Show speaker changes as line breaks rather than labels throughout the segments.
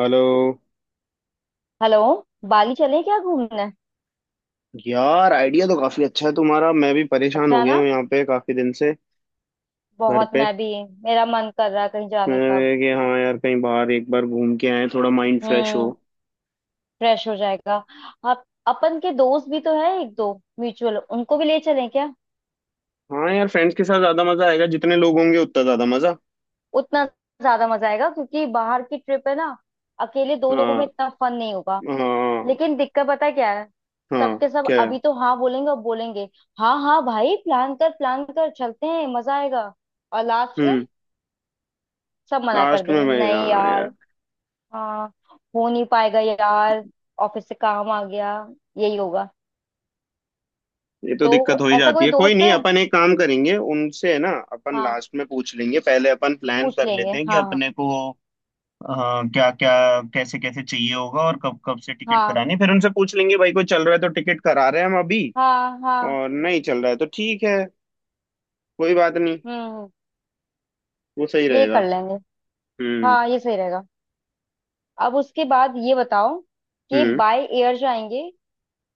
Hello.
Hello. Bali चले क्या घूमने।
यार, आइडिया तो काफी अच्छा है तुम्हारा। मैं भी परेशान
अच्छा
हो
है
गया
ना।
हूँ यहाँ पे काफी दिन से, घर
बहुत,
पे।
मैं भी। मेरा मन कर रहा है कहीं जाने का।
मैं कि हाँ यार, कहीं बाहर एक बार घूम के आए, थोड़ा माइंड फ्रेश हो।
हम्म। फ्रेश हो जाएगा। आप अपन के दोस्त भी तो है एक दो म्यूचुअल, उनको भी ले चलें क्या।
हाँ यार, फ्रेंड्स के साथ ज्यादा मजा आएगा, जितने लोग होंगे उतना ज्यादा मजा।
उतना ज्यादा मजा आएगा क्योंकि बाहर की ट्रिप है ना। अकेले दो लोगों में
हाँ।
इतना फन नहीं होगा।
हाँ,
लेकिन दिक्कत पता है क्या है।
हाँ
सबके सब
क्या है।
अभी तो हाँ बोलेंगे और बोलेंगे, हाँ हाँ भाई प्लान कर चलते हैं मजा आएगा। और लास्ट में
हम्म।
सब मना कर
लास्ट में,
देंगे,
मैं
नहीं
हाँ यार।
यार। हाँ, हो नहीं पाएगा यार। ऑफिस से काम आ गया। यही होगा।
ये तो
तो
दिक्कत हो ही
ऐसा
जाती
कोई
है, कोई
दोस्त
नहीं,
है।
अपन एक काम करेंगे, उनसे है ना, अपन
हाँ
लास्ट में पूछ लेंगे, पहले अपन प्लान
पूछ
कर
लेंगे।
लेते हैं कि
हाँ
अपने को। हाँ, क्या क्या, कैसे कैसे चाहिए होगा और कब कब से टिकट
हाँ
करानी है। फिर उनसे पूछ लेंगे भाई, कोई चल रहा है तो टिकट करा रहे हैं हम अभी,
हाँ हाँ हाँ।
और नहीं चल रहा है तो ठीक है, कोई बात नहीं।
हम्म।
वो सही
ये
रहेगा।
कर लेंगे।
हम्म।
हाँ, ये सही रहेगा। अब उसके बाद ये बताओ कि
हम्म।
बाय एयर जाएंगे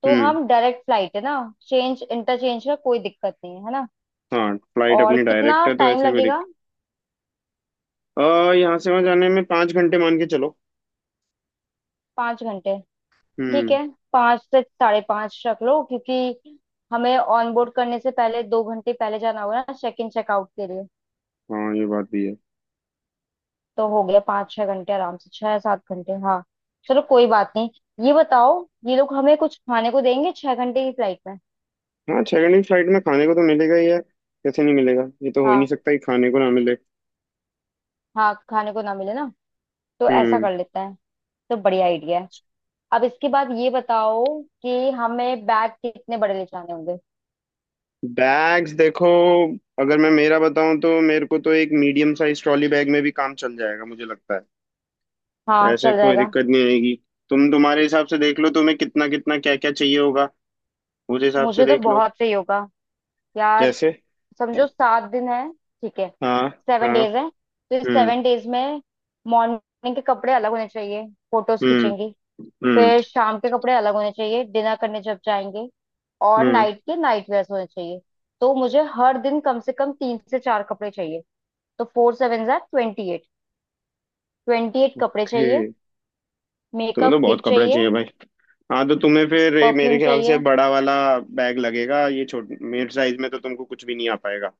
तो
हम्म।
हम, डायरेक्ट फ्लाइट है ना। चेंज इंटरचेंज का कोई दिक्कत नहीं है, है ना।
हाँ, फ्लाइट
और
अपनी
कितना
डायरेक्ट है तो
टाइम
ऐसे कोई
लगेगा।
दिक्कत। आ यहाँ से वहाँ जाने में 5 घंटे मान के चलो।
5 घंटे। ठीक
हम्म।
है। पाँच से साढ़े पाँच रख लो, क्योंकि हमें ऑन बोर्ड करने से पहले 2 घंटे पहले जाना होगा ना, चेक इन चेकआउट के लिए।
हाँ, ये बात भी है।
तो हो गया पाँच छह घंटे, आराम से छह सात घंटे। हाँ चलो, कोई बात नहीं। ये बताओ, ये लोग हमें कुछ खाने को देंगे 6 घंटे की फ्लाइट में।
हाँ, 6 घंटे की फ्लाइट में खाने को तो मिलेगा ही यार, कैसे नहीं मिलेगा, ये तो हो ही नहीं
हाँ।
सकता कि खाने को ना मिले।
हाँ खाने को ना मिले ना। तो ऐसा
हम्म।
कर लेते हैं। तो बढ़िया आइडिया है। अब इसके बाद ये बताओ कि हमें बैग कितने बड़े ले जाने होंगे।
बैग्स देखो, अगर मैं मेरा बताऊं तो मेरे को तो एक मीडियम साइज ट्रॉली बैग में भी काम चल जाएगा मुझे लगता है,
हाँ
ऐसे
चल
कोई
जाएगा।
दिक्कत नहीं आएगी। तुम तुम्हारे हिसाब से देख लो, तुम्हें कितना कितना क्या क्या चाहिए होगा उस हिसाब से
मुझे तो
देख लो।
बहुत सही होगा यार।
जैसे।
समझो 7 दिन है, ठीक है।
हाँ।
सेवन
हाँ।
डेज है तो इस
हम्म।
सेवन डेज में मॉर्निंग के कपड़े अलग होने चाहिए, फोटोज
हम्म।
खींचेंगी।
हम्म।
फिर शाम के कपड़े अलग होने चाहिए, डिनर करने जब जाएंगे। और
हम्म।
नाइट के नाइट वेयर्स होने चाहिए। तो मुझे हर दिन कम से कम तीन से चार कपड़े चाहिए। तो फोर सेवन जार 28, 28 कपड़े
ओके।
चाहिए।
तुम्हें तो
मेकअप
बहुत
किट
कपड़े
चाहिए।
चाहिए भाई। हाँ तो तुम्हें फिर ये मेरे
परफ्यूम
ख्याल से
चाहिए।
बड़ा वाला बैग लगेगा, ये छोटे मेरे साइज में तो तुमको कुछ भी नहीं आ पाएगा।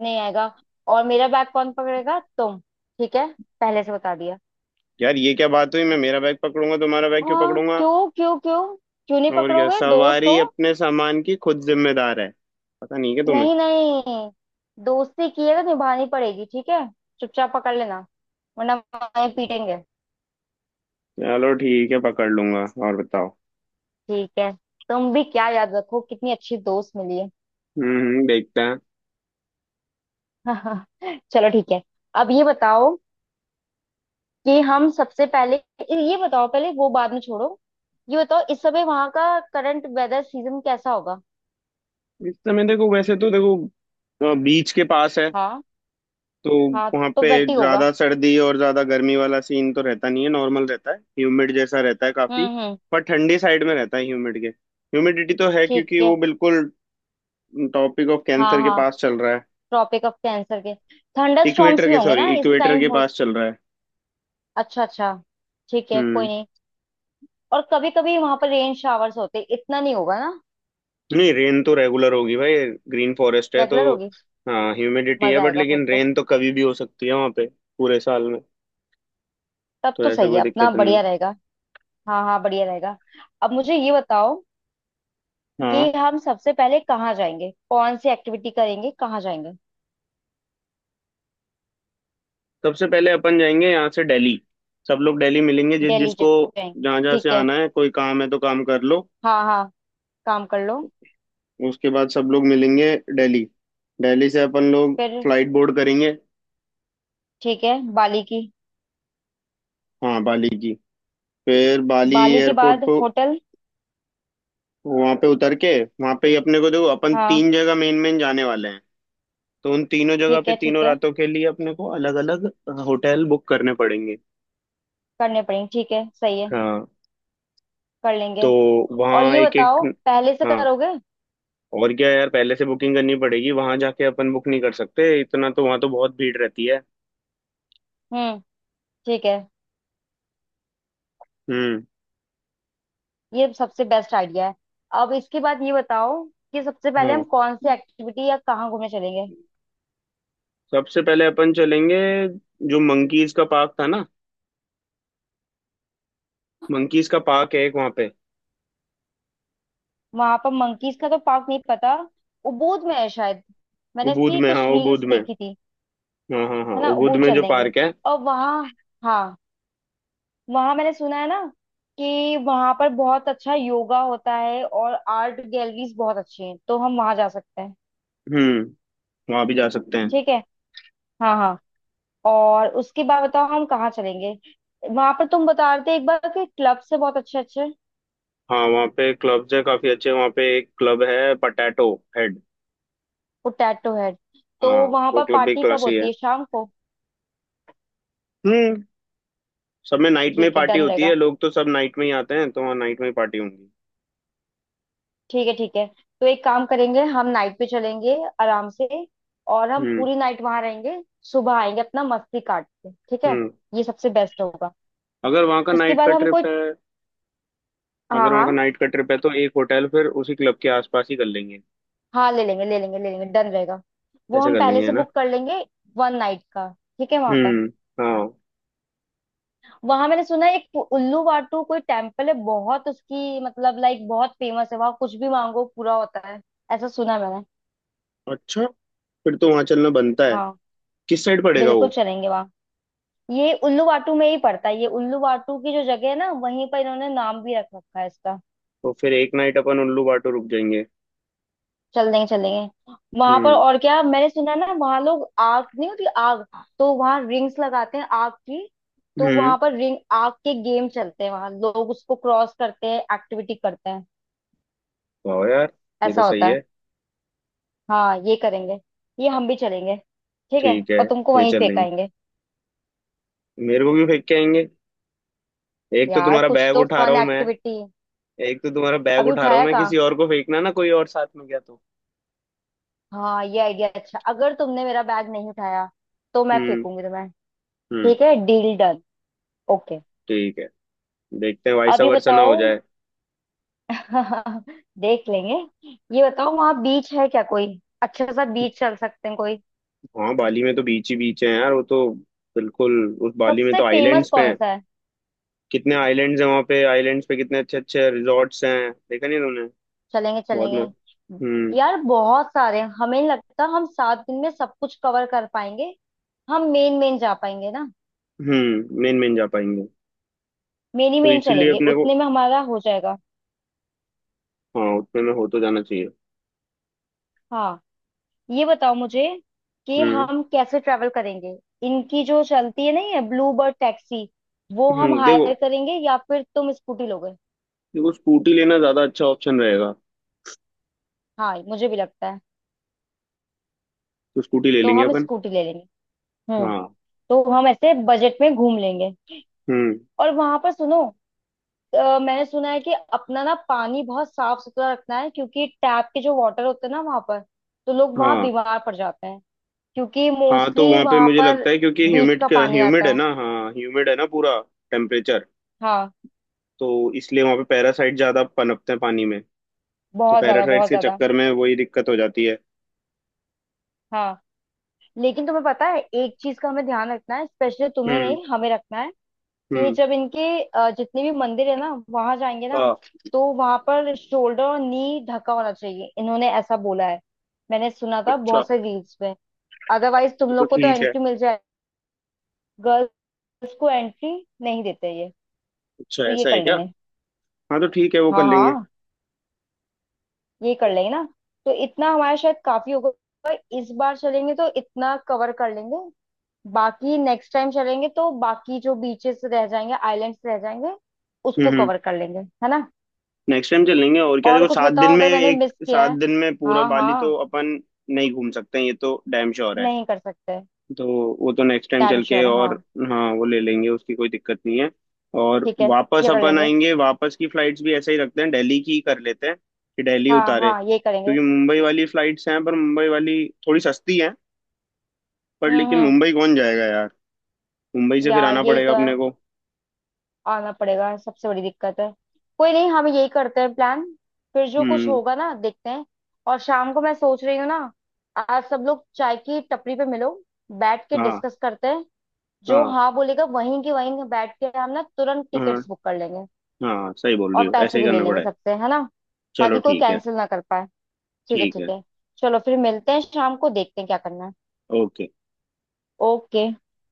नहीं आएगा। और मेरा बैग कौन पकड़ेगा, तुम। ठीक है, पहले से बता दिया।
यार, ये क्या बात हुई, मैं मेरा बैग पकड़ूंगा, तुम्हारा बैग क्यों
हाँ
पकड़ूंगा।
क्यों क्यों क्यों। क्यों नहीं
और क्या,
पकड़ोगे, दोस्त
सवारी
हो।
अपने सामान की खुद जिम्मेदार है, पता नहीं क्या तुम्हें।
नहीं नहीं, दोस्ती की है तो निभानी पड़ेगी, ठीक है। चुपचाप पकड़ लेना, वरना वहीं पीटेंगे।
चलो ठीक है, पकड़ लूंगा। और बताओ।
ठीक है। तुम भी क्या याद रखो कितनी अच्छी दोस्त मिली है।
हम्म, देखते हैं।
चलो ठीक है। अब ये बताओ कि हम सबसे पहले, ये बताओ पहले, वो बाद में छोड़ो। ये बताओ, इस समय वहां का करंट वेदर सीजन कैसा होगा।
इस समय देखो, वैसे तो देखो बीच के पास है
हाँ।
तो
हाँ,
वहां
तो
पे
wet ही होगा।
ज्यादा सर्दी और ज्यादा गर्मी वाला सीन तो रहता नहीं है, नॉर्मल रहता है, ह्यूमिड जैसा रहता है काफी।
हम्म।
पर ठंडी साइड में रहता है, ह्यूमिडिटी तो है,
ठीक
क्योंकि
है।
वो बिल्कुल टॉपिक ऑफ
हाँ
कैंसर के
हाँ,
पास चल रहा है।
ट्रॉपिक ऑफ कैंसर के थंडर स्टॉर्म्स भी होंगे ना इस
इक्वेटर
टाइम
के
हो।
पास चल रहा है।
अच्छा अच्छा, ठीक है। कोई
हम्म।
नहीं। और कभी कभी वहां पर रेन शावर्स होते हैं। इतना नहीं होगा ना।
नहीं, रेन तो रेगुलर होगी भाई, ग्रीन फॉरेस्ट है तो।
रेगुलर होगी।
हाँ, ह्यूमिडिटी है
मजा
बट,
आएगा फिर
लेकिन
तो।
रेन तो कभी भी हो सकती है वहाँ पे, पूरे साल में।
तब
तो
तो
ऐसे
सही
कोई
है, अपना
दिक्कत नहीं
बढ़िया
है।
रहेगा। हाँ हाँ बढ़िया रहेगा। अब मुझे ये बताओ
हाँ,
कि हम सबसे पहले कहाँ जाएंगे, कौन सी एक्टिविटी करेंगे, कहाँ जाएंगे।
सबसे पहले अपन जाएंगे यहाँ से दिल्ली। सब लोग दिल्ली मिलेंगे, जिस जिसको
जाएंगे।
जहाँ जहाँ से
ठीक है।
आना है, कोई काम है तो काम कर लो।
हाँ हाँ, काम कर लो।
उसके बाद सब लोग मिलेंगे दिल्ली। दिल्ली से अपन लोग
फिर।
फ्लाइट बोर्ड करेंगे।
ठीक है, बाली की।
हाँ, बाली की। फिर बाली
बाली के
एयरपोर्ट
बाद
पर
होटल।
वहाँ पे उतर के, वहाँ पे ही अपने को, देखो अपन
हाँ।
तीन जगह मेन मेन जाने वाले हैं, तो उन तीनों जगह
ठीक
पे
है ठीक
तीनों
है।
रातों के लिए अपने को अलग अलग होटल बुक करने पड़ेंगे।
करने पड़ेंगे, ठीक है, सही है।
हाँ
कर
तो
लेंगे। और
वहाँ
ये
एक
बताओ,
एक।
पहले से
हाँ
करोगे।
और क्या यार, पहले से बुकिंग करनी पड़ेगी, वहां जाके अपन बुक नहीं कर सकते इतना, तो वहां तो बहुत भीड़ रहती है।
हम्म। ठीक है।
हम्म।
ये सबसे बेस्ट आइडिया है। अब इसके बाद ये बताओ कि सबसे पहले हम
हाँ,
कौन सी एक्टिविटी या कहाँ घूमने चलेंगे।
सबसे पहले अपन चलेंगे, जो मंकीज का पार्क था ना, मंकीज का पार्क है एक वहाँ पे।
वहां पर मंकीज का तो पार्क नहीं पता, उबूद में है शायद। मैंने
उबूद
इसकी
में, हाँ
कुछ
उबूद
रील्स
में।
देखी थी।
हाँ हाँ हाँ,
है ना,
उबूद
उबूद
में जो
चलेंगे।
पार्क है।
और वहाँ। हाँ, वहाँ मैंने सुना है ना कि वहां पर बहुत अच्छा योगा होता है, और आर्ट गैलरीज बहुत अच्छी हैं, तो हम वहां जा सकते हैं।
हम्म, वहाँ भी जा सकते हैं।
ठीक है। हाँ हाँ। और उसके बाद बताओ हम कहाँ चलेंगे। वहां पर तुम बता रहे थे एक बार कि क्लब से बहुत अच्छे अच्छे।
हाँ, वहाँ पे क्लब्स है काफी अच्छे, वहाँ पे एक क्लब है, पटैटो हेड।
वो टैटू हेड। तो
हाँ,
वहां
वो
पर
क्लब भी
पार्टी कब
क्लास ही
होती
है।
है, शाम को।
हम्म। सब में नाइट में
ठीक है,
पार्टी
डन
होती है,
रहेगा।
लोग तो सब नाइट में ही आते हैं, तो वहाँ नाइट में ही पार्टी होंगी।
ठीक है ठीक है। तो एक काम करेंगे, हम नाइट पे चलेंगे आराम से। और हम
हम्म।
पूरी नाइट वहां रहेंगे। सुबह आएंगे अपना मस्ती काट के, ठीक है।
हम्म।
ये सबसे बेस्ट होगा।
अगर वहाँ का
उसके
नाइट
बाद
का
हम कोई।
ट्रिप है,
हाँ
अगर वहाँ का
हाँ,
नाइट का ट्रिप है तो एक होटल फिर उसी क्लब के आसपास ही कर लेंगे।
हाँ ले लेंगे ले लेंगे ले लेंगे, डन रहेगा। वो
ऐसा
हम
कर
पहले
लेंगे है
से
ना।
बुक कर लेंगे। वन नाइट का। ठीक है, वहां पर।
हम्म। हाँ।
वहां मैंने सुना है एक उल्लू वाटू कोई टेम्पल है, बहुत उसकी मतलब लाइक बहुत फेमस है। वहां कुछ भी मांगो पूरा होता है, ऐसा सुना है मैंने।
अच्छा, फिर तो वहाँ चलना बनता है।
हाँ,
किस साइड पड़ेगा
बिल्कुल
वो।
चलेंगे वहाँ। ये उल्लू वाटू में ही पड़ता है, ये उल्लू वाटू की जो जगह है ना, वहीं पर इन्होंने नाम भी रख रखा है इसका।
तो फिर एक नाइट अपन उल्लू बाटो रुक जाएंगे।
चल देंगे चल देंगे। वहां पर
हम्म।
और क्या मैंने सुना है ना, वहां लोग आग, नहीं होती आग। तो वहां रिंग्स लगाते हैं आग की। तो
हम्म।
वहां पर रिंग आग के गेम चलते हैं, वहां लोग उसको क्रॉस करते हैं, एक्टिविटी करते हैं।
वाह यार, ये तो
ऐसा
सही
होता है।
है।
हाँ ये करेंगे। ये हम भी चलेंगे, ठीक है।
ठीक है,
और तुमको
ये
वहीं
चल लेंगे।
फेंकाएंगे।
मेरे को भी फेंक के आएंगे। एक तो
यार
तुम्हारा
कुछ
बैग
तो
उठा रहा
फन
हूँ मैं।
एक्टिविटी।
एक तो तुम्हारा बैग
अभी
उठा रहा हूँ
उठाया
मैं,
कहाँ।
किसी और को फेंकना ना, कोई और साथ में गया तो।
हाँ ये आइडिया अच्छा, अगर तुमने मेरा बैग नहीं उठाया तो मैं
हम्म।
फेंकूंगी तुम्हें।
हम्म।
ठीक है, डील डन। ओके।
ठीक है, देखते हैं,
अब
वैसा
ये
वर्षा ना
बताओ।
हो जाए।
देख लेंगे। ये बताओ वहाँ बीच है क्या कोई, अच्छा सा बीच चल सकते हैं कोई।
हाँ, बाली में तो बीच ही बीच है यार वो तो, बिल्कुल। उस बाली में
सबसे
तो
फेमस
आइलैंड्स पे
कौन
हैं,
सा है।
कितने आइलैंड्स हैं वहाँ पे, आइलैंड्स पे कितने अच्छे अच्छे रिजॉर्ट्स हैं, देखा नहीं तुमने,
चलेंगे
बहुत मस्त।
चलेंगे।
हम्म।
यार बहुत सारे हैं। हमें नहीं लगता हम 7 दिन में सब कुछ कवर कर पाएंगे। हम मेन मेन जा पाएंगे ना।
हम्म, मेन मेन जा पाएंगे।
मेन ही
तो
मेन
इसीलिए
चलेंगे,
अपने को,
उतने में हमारा हो जाएगा।
हाँ उतने में हो तो जाना चाहिए।
हाँ, ये बताओ मुझे कि
हम्म।
हम कैसे ट्रेवल करेंगे। इनकी जो चलती है नहीं है, ब्लू बर्ड टैक्सी, वो हम
देखो,
हायर करेंगे या फिर तुम स्कूटी लोगे।
देखो स्कूटी लेना ज्यादा अच्छा ऑप्शन रहेगा।
हाँ मुझे भी लगता है।
तो स्कूटी ले
तो
लेंगे
हम
अपन।
स्कूटी ले लेंगे। हम्म।
हाँ।
तो हम ऐसे बजट में घूम लेंगे।
हम्म।
और वहां पर सुनो, मैंने सुना है कि अपना ना पानी बहुत साफ सुथरा रखना है, क्योंकि टैप के जो वाटर होते हैं ना वहां पर, तो लोग वहां
हाँ।
बीमार पड़ जाते हैं। क्योंकि
हाँ तो
मोस्टली
वहाँ पे
वहां
मुझे
पर
लगता है क्योंकि
बीच
ह्यूमिड
का पानी
ह्यूमिड
आता
है
है।
ना, हाँ ह्यूमिड है ना पूरा टेम्परेचर,
हाँ,
तो इसलिए वहाँ पे पैरासाइट ज्यादा पनपते हैं पानी में। तो
बहुत ज्यादा
पैरासाइट्स
बहुत
के
ज्यादा।
चक्कर में वही दिक्कत हो जाती है।
हाँ, लेकिन तुम्हें पता है एक चीज का हमें ध्यान रखना है, स्पेशली तुम्हें
हम्म।
नहीं, हमें रखना है कि
हम्म।
जब इनके जितने भी मंदिर है ना वहां जाएंगे ना,
हाँ।
तो वहां पर शोल्डर और नी ढका होना चाहिए, इन्होंने ऐसा बोला है। मैंने सुना था
अच्छा।
बहुत से रील्स में। अदरवाइज तुम
तो
लोग को तो
ठीक है।
एंट्री मिल जाए, गर्ल्स को एंट्री नहीं देते ये।
अच्छा,
तो ये
ऐसा है
कर
क्या।
लेंगे।
हाँ तो ठीक है, वो कर
हाँ
लेंगे।
हाँ, ये कर लेंगे ना। तो इतना हमारा शायद काफी होगा। इस बार चलेंगे तो इतना कवर कर लेंगे। बाकी नेक्स्ट टाइम चलेंगे तो बाकी जो बीचेस रह जाएंगे, आइलैंड्स रह जाएंगे, उसको
हम्म।
कवर कर लेंगे, है ना।
नेक्स्ट टाइम चलेंगे, और क्या,
और
देखो
कुछ
7 दिन
बताओ
में
अगर मैंने
एक,
मिस किया
सात
है।
दिन में पूरा
हाँ
बाली तो
हाँ,
अपन नहीं घूम सकते हैं, ये तो डैम श्योर है।
नहीं कर सकते।
तो वो तो नेक्स्ट टाइम
डैम
चल के।
श्योर है हाँ।
और हाँ, वो ले लेंगे, उसकी कोई दिक्कत नहीं है। और
ठीक है,
वापस
ये कर
अपन
लेंगे।
आएंगे, वापस की फ्लाइट्स भी ऐसे ही रखते हैं, दिल्ली की ही कर लेते हैं, कि दिल्ली
हाँ
उतारे,
हाँ ये करेंगे।
क्योंकि मुंबई वाली फ्लाइट्स हैं, पर मुंबई वाली थोड़ी सस्ती है, पर लेकिन
हम्म।
मुंबई कौन जाएगा यार, मुंबई से फिर
यार
आना
यही
पड़ेगा
तो है।
अपने को।
आना पड़ेगा, सबसे बड़ी दिक्कत है। कोई नहीं, हम यही करते हैं प्लान, फिर जो कुछ
हम्म।
होगा ना देखते हैं। और शाम को मैं सोच रही हूँ ना, आज सब लोग चाय की टपरी पे मिलो, बैठ के
हाँ,
डिस्कस करते हैं। जो
हाँ,
हाँ बोलेगा वहीं के वहीं बैठ के हम ना तुरंत
हाँ।
टिकट्स बुक कर लेंगे।
हाँ, सही बोल
और
रही हो,
पैसे
ऐसे ही
भी ले
करना
लेंगे
पड़ेगा।
सबसे, है ना,
चलो
ताकि कोई
ठीक है।
कैंसिल ना कर पाए। ठीक है
ठीक
ठीक
है।
है। चलो फिर मिलते हैं शाम को, देखते हैं क्या करना है।
ओके।
ओके।